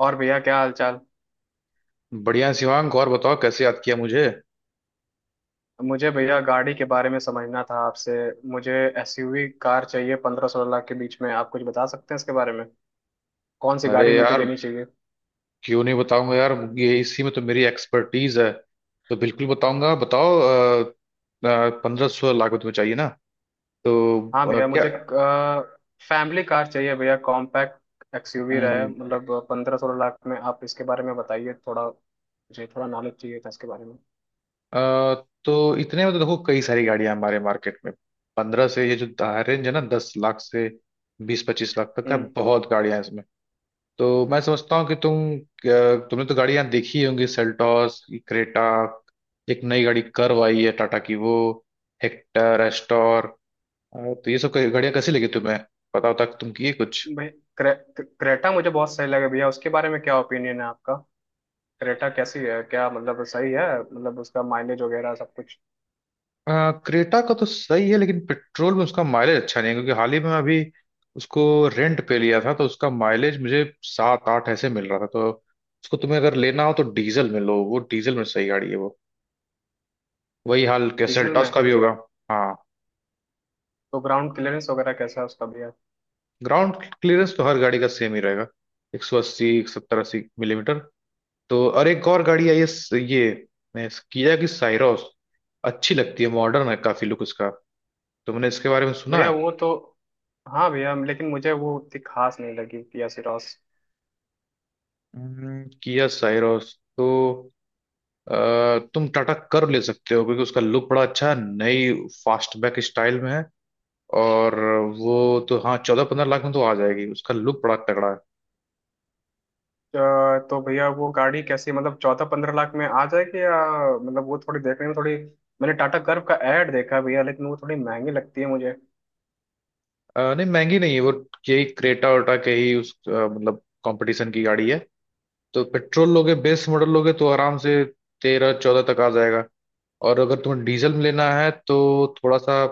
और भैया क्या हाल चाल। बढ़िया शिवांग, और बताओ कैसे याद किया मुझे। मुझे भैया गाड़ी के बारे में समझना था आपसे। मुझे एसयूवी कार चाहिए, पंद्रह सोलह लाख के बीच में। आप कुछ बता सकते हैं इसके बारे में? कौन सी अरे गाड़ी मुझे यार, लेनी चाहिए? क्यों नहीं बताऊंगा यार। ये इसी में तो मेरी एक्सपर्टीज है, तो बिल्कुल बताऊंगा, बताओ। पंद्रह सोलह लाख में तुम्हें चाहिए ना? तो हाँ भैया, क्या? मुझे फैमिली कार चाहिए भैया, कॉम्पैक्ट एक्सयूवी रहे। हम्म मतलब पंद्रह सोलह लाख में आप इसके बारे में बताइए, थोड़ा मुझे थोड़ा नॉलेज चाहिए था इसके बारे में। अ, तो इतने में तो देखो, कई सारी गाड़ियां हमारे मार्केट में। पंद्रह से ये जो रेंज है ना, दस लाख से बीस पच्चीस लाख तक का हम्म। बहुत गाड़ियां हैं इसमें। तो मैं समझता हूँ कि तुम तुमने तो गाड़ियां देखी होंगी, सेल्टॉस, क्रेटा, एक नई गाड़ी कर्व आई है टाटा की वो, हेक्टर, एस्टोर अ, तो ये सब गाड़ियां कैसी लगी तुम्हें, पता होता तुम किए कुछ। भाई, क्रे, क्रेटा मुझे बहुत सही लगे भैया। उसके बारे में क्या ओपिनियन है आपका? क्रेटा कैसी है? क्या मतलब सही है? मतलब उसका माइलेज वगैरह सब कुछ। अ, क्रेटा का तो सही है, लेकिन पेट्रोल में उसका माइलेज अच्छा नहीं है, क्योंकि हाल ही में मैं अभी उसको रेंट पे लिया था, तो उसका माइलेज मुझे सात आठ ऐसे मिल रहा था। तो उसको तुम्हें अगर लेना हो तो डीजल में लो, वो डीजल में सही गाड़ी है वो। वही हाल के डीजल सेल्टॉस में? का भी होगा। हाँ। तो ग्राउंड क्लियरेंस वगैरह कैसा है उसका भैया? ग्राउंड क्लियरेंस तो हर गाड़ी का सेम ही रहेगा, एक सौ अस्सी, एक सत्तर अस्सी मिलीमीटर। तो और एक और गाड़ी आई है ये किया की साइरोस, अच्छी लगती है, मॉडर्न है, काफी लुक उसका। तुमने इसके बारे में सुना है? भैया वो तो। हाँ भैया, लेकिन मुझे वो उतनी खास नहीं लगी किया सिरॉस। किया साइरोस तो अ, तुम टाटा कर्व ले सकते हो, क्योंकि उसका लुक बड़ा अच्छा है, नई फास्टबैक स्टाइल में है। और वो तो हाँ, चौदह पंद्रह लाख में तो आ जाएगी, उसका लुक बड़ा तगड़ा है। अ, तो भैया वो गाड़ी कैसी? मतलब चौदह पंद्रह लाख में आ जाएगी या मतलब वो थोड़ी देखने में थोड़ी। मैंने टाटा कर्व का ऐड देखा है भैया, लेकिन वो थोड़ी महंगी लगती है मुझे। नहीं, महंगी नहीं है वो, यही क्रेटा वेटा के ही उस मतलब कंपटीशन की गाड़ी है। तो पेट्रोल लोगे, बेस मॉडल लोगे, तो आराम से तेरह चौदह तक आ जाएगा। और अगर तुम्हें डीजल में लेना है, तो थोड़ा सा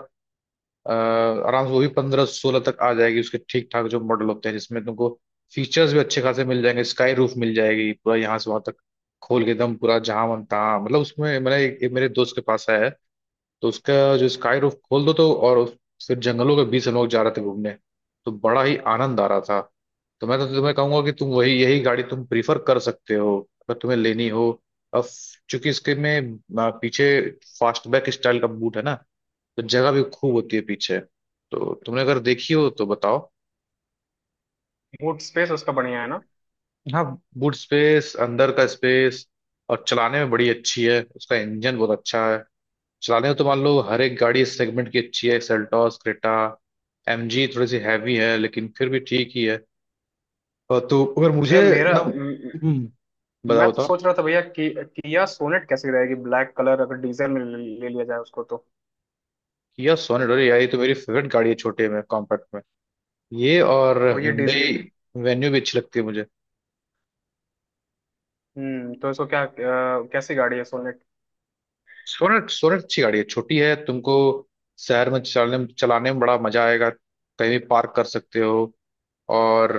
आराम से वो भी पंद्रह सोलह तक आ जाएगी। उसके ठीक ठाक जो मॉडल होते हैं जिसमें तुमको फीचर्स भी अच्छे खासे मिल जाएंगे, स्काई रूफ मिल जाएगी, पूरा यहाँ से वहां तक खोल के, एकदम पूरा जहाँ मन तहाँ, मतलब उसमें मैंने एक मेरे दोस्त के पास आया है, तो उसका जो स्काई रूफ खोल दो तो, और फिर जंगलों के बीच हम लोग जा रहे थे घूमने, तो बड़ा ही आनंद आ रहा था। तो मैं तो तुम्हें कहूंगा कि तुम वही, यही गाड़ी तुम प्रीफर कर सकते हो, अगर तुम्हें लेनी हो। अब चूंकि इसके में पीछे फास्टबैक स्टाइल का बूट है ना, तो जगह भी खूब होती है पीछे। तो तुमने अगर देखी हो तो बताओ। बूट स्पेस उसका बढ़िया है ना? हाँ, बूट स्पेस, अंदर का स्पेस, और चलाने में बड़ी अच्छी है, उसका इंजन बहुत अच्छा है। चलाने में तो मान लो हर एक गाड़ी इस सेगमेंट की अच्छी है, सेल्टॉस, क्रेटा, एमजी थोड़ी सी हैवी है लेकिन फिर भी ठीक ही है। और तो अगर मुझे भैया मेरा ना। म- मैं बताओ तो बताओ। सोच रहा था भैया कि किया सोनेट कैसी रहेगी, ब्लैक कलर, अगर डीजल में ले ले लिया जाए उसको तो। किया सोनेट, अरे यार, ये तो मेरी फेवरेट गाड़ी है छोटे में, कॉम्पैक्ट में। ये और तो ये Hyundai डीजल। वेन्यू भी अच्छी लगती है मुझे। हम्म। तो इसको क्या कैसी गाड़ी है? सोनेट, सोनेट अच्छी गाड़ी है, छोटी है, तुमको शहर में चलने चलाने में बड़ा मजा आएगा, कहीं भी पार्क कर सकते हो। और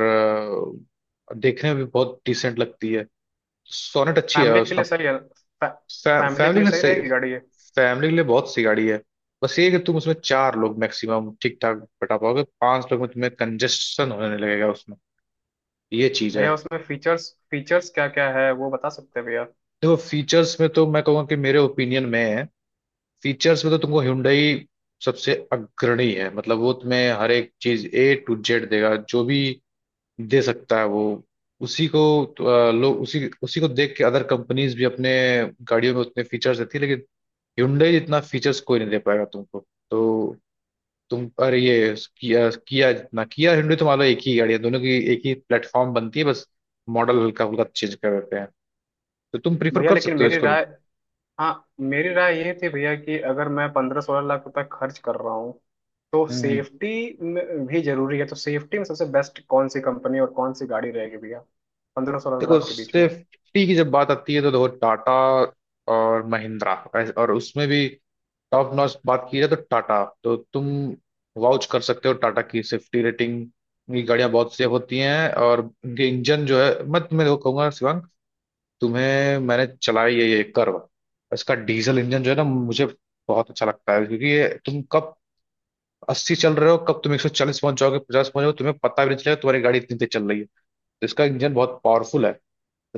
देखने में भी बहुत डिसेंट लगती है। सोनेट अच्छी है फैमिली के उसका। लिए सही है? फैमिली के फैमिली लिए के लिए सही सही, रहेगी गाड़ी ये? फैमिली के लिए बहुत सी गाड़ी है। बस ये है कि तुम उसमें चार लोग मैक्सिमम ठीक ठाक बैठा पाओगे, पांच लोग में तुम्हें कंजेशन होने लगेगा उसमें, ये चीज है। भैया उसमें फीचर्स, क्या क्या है वो बता सकते हैं भैया? देखो, फीचर्स में तो मैं कहूँगा कि मेरे ओपिनियन में है, फीचर्स में तो तुमको Hyundai सबसे अग्रणी है, मतलब वो तुम्हें हर एक चीज ए टू जेड देगा, जो भी दे सकता है वो उसी को। तो, लोग उसी उसी को देख के अदर कंपनीज भी अपने गाड़ियों में उतने फीचर्स देती है, लेकिन Hyundai जितना फीचर्स कोई नहीं दे पाएगा तुमको। तो तुम, अरे ये किया, किया जितना किया Hyundai तो मान लो एक ही गाड़ी है दोनों की, एक ही प्लेटफॉर्म बनती है, बस मॉडल हल्का फुल्का चेंज कर देते हैं। तो तुम प्रीफर भैया कर लेकिन सकते हो मेरी इसको भी। राय हाँ मेरी राय ये थी भैया कि अगर मैं पंद्रह सोलह लाख रुपए खर्च कर रहा हूँ तो हम्म। सेफ्टी में भी जरूरी है। तो सेफ्टी में सबसे बेस्ट कौन सी कंपनी और कौन सी गाड़ी रहेगी भैया, पंद्रह सोलह देखो, लाख के बीच में? सेफ्टी की जब बात आती है तो देखो, टाटा और महिंद्रा और उसमें भी टॉप नॉच बात की जाए तो टाटा, तो तुम वाउच कर सकते हो, टाटा की सेफ्टी रेटिंग की गाड़ियां बहुत सेफ होती हैं, और उनके इंजन जो है, मैं तुम्हें देखो कहूंगा शिवांग, तुम्हें मैंने चलाई है ये कर्व, इसका डीजल इंजन जो है ना, मुझे बहुत अच्छा लगता है, क्योंकि ये तुम कब अस्सी चल रहे हो, कब तुम एक सौ चालीस पहुंच जाओगे, पचास पहुंच जाओगे, तुम्हें पता भी नहीं चलेगा तुम्हारी गाड़ी इतनी तेज चल रही है। तो इसका इंजन बहुत पावरफुल है। तो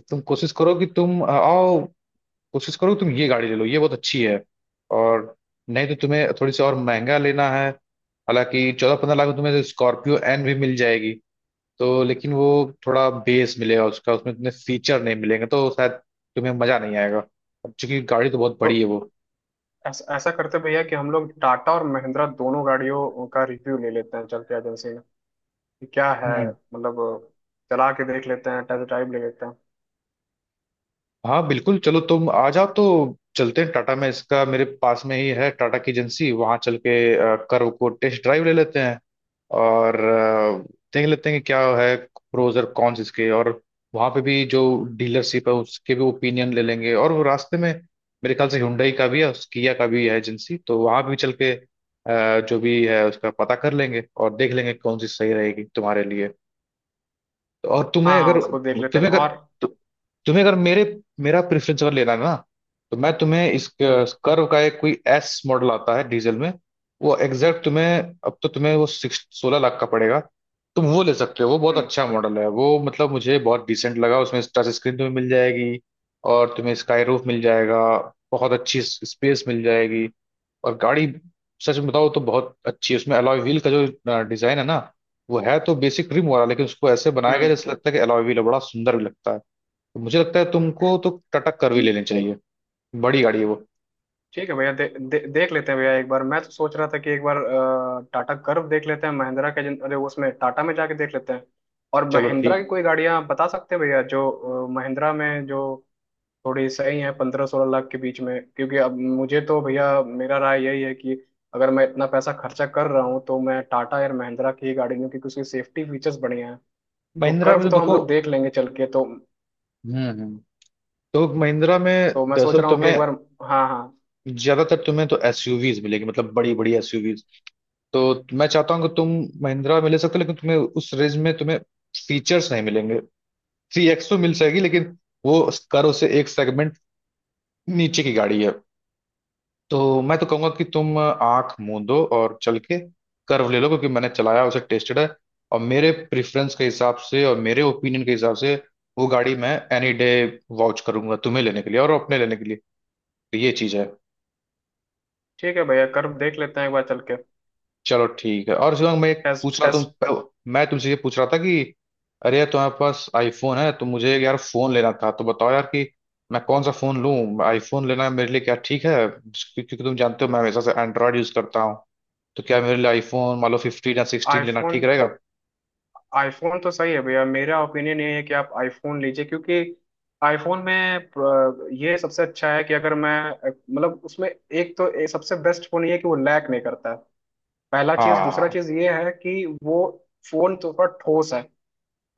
तुम कोशिश करो कि तुम आओ, कोशिश करो कि तुम ये गाड़ी ले लो, ये बहुत अच्छी है। और नहीं तो तुम्हें थोड़ी सी और महंगा लेना है। हालांकि चौदह पंद्रह लाख में तुम्हें स्कॉर्पियो एन भी मिल जाएगी। तो लेकिन वो थोड़ा बेस मिलेगा उसका, उसमें तुम्हें फीचर नहीं मिलेंगे, तो शायद तुम्हें मजा नहीं आएगा। अब चूंकि गाड़ी तो बहुत बड़ी है तो वो। ऐसा ऐसा करते भैया कि हम लोग टाटा और महिंद्रा दोनों गाड़ियों का रिव्यू ले लेते हैं चल के एजेंसी में, कि क्या है हम्म। मतलब। चला के देख लेते हैं, टेस्ट ड्राइव ले लेते हैं। हाँ बिल्कुल, चलो तुम आ जाओ तो चलते हैं टाटा में, इसका मेरे पास में ही है टाटा की एजेंसी, वहां चल के कर्व को टेस्ट ड्राइव ले लेते हैं, और देख लेते हैं कि क्या है प्रोज और कॉन्स इसके। और वहां पे भी जो डीलरशिप है उसके भी ओपिनियन ले लेंगे। और वो रास्ते में मेरे ख्याल से Hyundai का भी है, उस किया का भी है एजेंसी, तो वहां भी चल के जो भी है उसका पता कर लेंगे और देख लेंगे कौन सी सही रहेगी तुम्हारे लिए। और हाँ तुम्हें हाँ, अगर, उसको देख लेते हैं तुम्हें अगर और। तु, तुम्हें अगर मेरे मेरा प्रेफरेंस अगर लेना है ना, तो मैं तुम्हें इस हम्म कर्व का एक कोई एस मॉडल आता है डीजल में, वो एग्जैक्ट तुम्हें, अब तो तुम्हें वो सिक्स सोलह लाख का पड़ेगा, तुम वो ले सकते हो, वो बहुत हम्म। अच्छा मॉडल है वो, मतलब मुझे बहुत डिसेंट लगा। उसमें टच स्क्रीन तुम्हें मिल जाएगी, और तुम्हें स्काई रूफ मिल जाएगा, बहुत अच्छी स्पेस मिल जाएगी, और गाड़ी सच में बताओ तो बहुत अच्छी है, उसमें अलॉय व्हील का जो डिजाइन है ना, वो है तो बेसिक रिम वाला, लेकिन उसको ऐसे बनाया गया हम्म जैसे लगता है कि अलॉय व्हील है, बड़ा सुंदर भी लगता है। तो मुझे लगता है तुमको तो टटक कर भी ले हम्म। लेनी चाहिए, बड़ी गाड़ी है वो। ठीक है भैया, दे, दे, देख लेते हैं भैया एक बार। मैं तो सोच रहा था कि एक बार टाटा कर्व देख लेते हैं महिंद्रा के, अरे उसमें टाटा में जाके देख लेते हैं। और चलो महिंद्रा ठीक। की कोई गाड़ियां आप बता सकते हैं भैया जो महिंद्रा में जो थोड़ी सही है पंद्रह सोलह लाख के बीच में? क्योंकि अब मुझे तो भैया मेरा राय यही है कि अगर मैं इतना पैसा खर्चा कर रहा हूँ तो मैं टाटा या महिंद्रा की ही गाड़ी लूँ क्योंकि उसकी सेफ्टी फीचर्स बढ़िया हैं। तो महिंद्रा कर्व में तो तो हम देखो। लोग देख लेंगे चल के तो। हम्म। तो महिंद्रा में तो मैं सोच दरअसल रहा हूँ कि एक तुम्हें बार। हाँ हाँ। ज्यादातर तुम्हें तो एसयूवीज मिलेगी, मतलब बड़ी बड़ी एसयूवीज। तो मैं चाहता हूँ कि तुम महिंद्रा में ले सकते हो, लेकिन तुम्हें उस रेंज में तुम्हें फीचर्स नहीं मिलेंगे। थ्री एक्स तो मिल जाएगी, लेकिन वो कर्व से एक सेगमेंट नीचे की गाड़ी है। तो मैं तो कहूंगा कि तुम आंख मूंदो और चल के कर्व ले लो, क्योंकि मैंने चलाया उसे, टेस्टेड है। और मेरे प्रेफरेंस के हिसाब से और मेरे ओपिनियन के हिसाब से वो गाड़ी मैं एनी डे वाउच करूंगा तुम्हें लेने के लिए और अपने लेने के लिए। तो ये चीज है। ठीक है भैया, कर देख लेते हैं एक बार चल के। चलो ठीक है। और शिवंग, मैं एक टेस्ट पूछ रहा तुम, टेस्ट। मैं तुमसे ये पूछ रहा था कि अरे यार तुम्हारे पास आईफोन है, तो मुझे यार फोन लेना था, तो बताओ यार कि मैं कौन सा फोन लूं। आईफोन लेना मेरे लिए क्या ठीक है, क्योंकि तुम जानते हो मैं हमेशा से एंड्रॉयड यूज करता हूँ। तो क्या मेरे लिए आईफोन मान लो फिफ्टीन या सिक्सटीन लेना आईफोन। ठीक रहेगा? आईफोन, तो सही है भैया। मेरा ओपिनियन ये है कि आप आईफोन लीजिए, क्योंकि आईफोन में ये सबसे अच्छा है कि अगर मैं मतलब उसमें एक तो ये सबसे बेस्ट फोन ये है कि वो लैग नहीं करता है। पहला चीज। दूसरा हाँ। चीज ये है कि वो फोन तो थोड़ा ठोस है।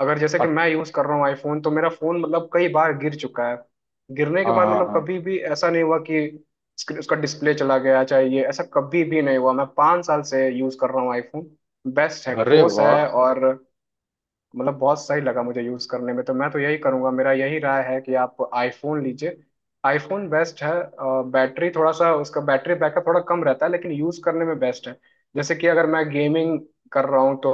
अगर जैसे कि अट- मैं यूज कर रहा हूँ आईफोन, तो मेरा फोन मतलब कई बार गिर चुका है। गिरने के हाँ बाद हाँ मतलब हाँ हाँ। कभी भी ऐसा नहीं हुआ कि उसका डिस्प्ले चला गया चाहिए, ऐसा कभी भी नहीं हुआ। मैं पाँच साल से यूज कर रहा हूँ आईफोन। बेस्ट है, अरे ठोस वाह। है और मतलब बहुत सही लगा मुझे यूज करने में। तो मैं तो यही करूंगा, मेरा यही राय है कि आप आईफोन लीजिए। आईफोन बेस्ट है। बैटरी थोड़ा सा, उसका बैटरी बैकअप थोड़ा कम रहता है लेकिन यूज करने में बेस्ट है। जैसे कि अगर मैं गेमिंग कर रहा हूँ तो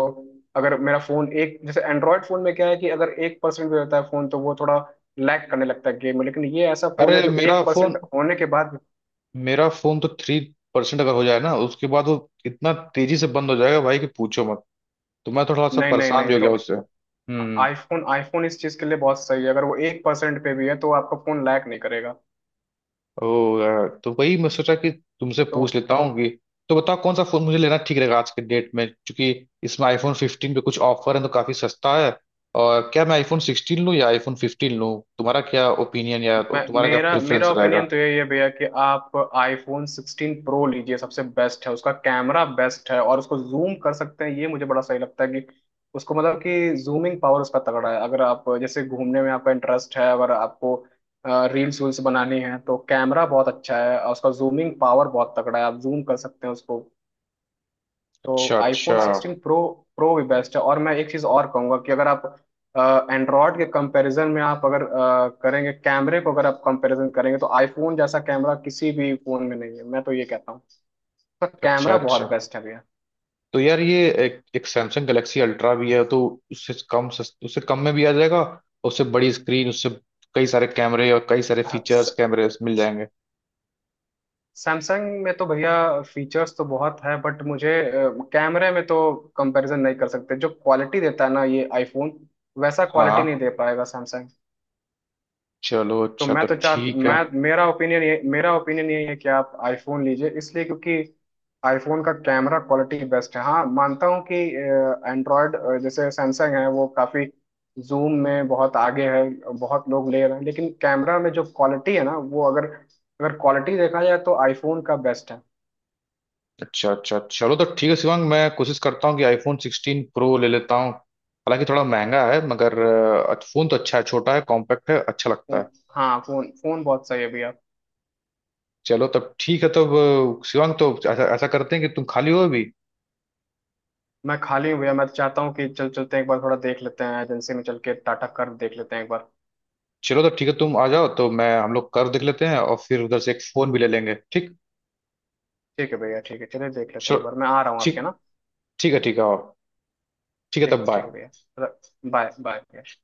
अगर मेरा फोन एक, जैसे एंड्रॉयड फोन में क्या है कि अगर एक परसेंट भी होता है फोन तो वो थोड़ा लैग करने लगता है गेम में। लेकिन ये ऐसा फोन अरे है जो मेरा एक फोन, परसेंट होने के बाद। मेरा फोन तो थ्री परसेंट अगर हो जाए ना, उसके बाद वो इतना तेजी से बंद हो जाएगा भाई कि पूछो मत। तो मैं थोड़ा सा नहीं नहीं परेशान नहीं। भी हो गया तो उससे। हम्म। आईफोन, आईफोन इस चीज के लिए बहुत सही है। अगर वो एक परसेंट पे भी है तो आपका फोन लैग नहीं करेगा। ओ यार, तो वही मैं सोचा कि तुमसे पूछ तो लेता हूँ कि, तो बताओ कौन सा फोन मुझे लेना ठीक रहेगा आज के डेट में, क्योंकि इसमें आईफोन 15 पे कुछ ऑफर है, तो काफी सस्ता है। और क्या मैं आईफोन 16 लूँ या आईफोन 15 लूँ, तुम्हारा क्या ओपिनियन या मैं तुम्हारा क्या मेरा प्रेफरेंस मेरा रहेगा? ओपिनियन तो यही है भैया कि आप आईफोन 16 प्रो लीजिए, सबसे बेस्ट है। उसका कैमरा बेस्ट है और उसको जूम कर सकते हैं, ये मुझे बड़ा सही लगता है। कि उसको मतलब कि जूमिंग पावर उसका तगड़ा है। अगर आप जैसे घूमने में आपका इंटरेस्ट है, अगर आपको रील्स वील्स बनानी है तो कैमरा बहुत अच्छा है और उसका जूमिंग पावर बहुत तगड़ा है, आप जूम कर सकते हैं उसको। तो अच्छा आईफोन अच्छा। Sixteen Pro. प्रो भी बेस्ट है। और मैं एक चीज़ और कहूँगा कि अगर आप एंड्रॉयड के कंपैरिजन में आप अगर करेंगे कैमरे को, अगर आप कंपैरिजन करेंगे, तो आईफोन जैसा कैमरा किसी भी फोन में नहीं है, मैं तो ये कहता हूँ। उसका अच्छा कैमरा बहुत अच्छा। बेस्ट है भैया। तो यार ये एक सैमसंग गैलेक्सी अल्ट्रा भी है, तो उससे कम, उससे कम में भी आ जाएगा, और उससे बड़ी स्क्रीन, उससे कई सारे कैमरे और कई सारे हाँ, फीचर्स कैमरे मिल जाएंगे। सैमसंग में तो भैया फीचर्स तो बहुत है, बट मुझे कैमरे में तो कंपैरिजन नहीं कर सकते। जो क्वालिटी देता है ना ये आईफोन, वैसा क्वालिटी नहीं हाँ। दे पाएगा सैमसंग। चलो, तो अच्छा मैं तो तो चाह ठीक है। मैं मेरा ओपिनियन यही है कि आप आईफोन लीजिए इसलिए, क्योंकि आईफोन का कैमरा क्वालिटी बेस्ट है। हाँ मानता हूँ कि एंड्रॉयड जैसे सैमसंग है, वो काफ़ी जूम में बहुत आगे है, बहुत लोग ले रहे हैं, लेकिन कैमरा में जो क्वालिटी है ना, वो अगर, क्वालिटी देखा जाए तो आईफोन का बेस्ट है। अच्छा अच्छा, चलो तो ठीक है शिवांग, मैं कोशिश करता हूँ कि आईफोन सिक्सटीन प्रो ले लेता हूँ, हालांकि थोड़ा महंगा है, मगर फोन तो अच्छा है, छोटा है, कॉम्पैक्ट है, अच्छा लगता है। फोन। हाँ, फोन फोन बहुत सही है भैया। चलो तब ठीक है। तब शिवांग तो ऐसा ऐसा करते हैं कि तुम खाली हो अभी? मैं खाली हूँ भैया, मैं तो चाहता हूँ कि चल चलते हैं एक बार, थोड़ा देख लेते हैं एजेंसी में चल के, टाटा कर्व देख लेते हैं एक बार। चलो तो ठीक है, तुम आ जाओ तो मैं, हम लोग कर देख लेते हैं, और फिर उधर से एक फोन भी ले लेंगे। ठीक? ठीक है भैया, ठीक है, चलिए देख लेते हैं एक बार, चलो। मैं आ रहा हूँ आपके ठीक। ना। ठीक है, ठीक है। और ठीक है ठीक, तब, ठीक बाय। है भैया। बाय बाय भैया।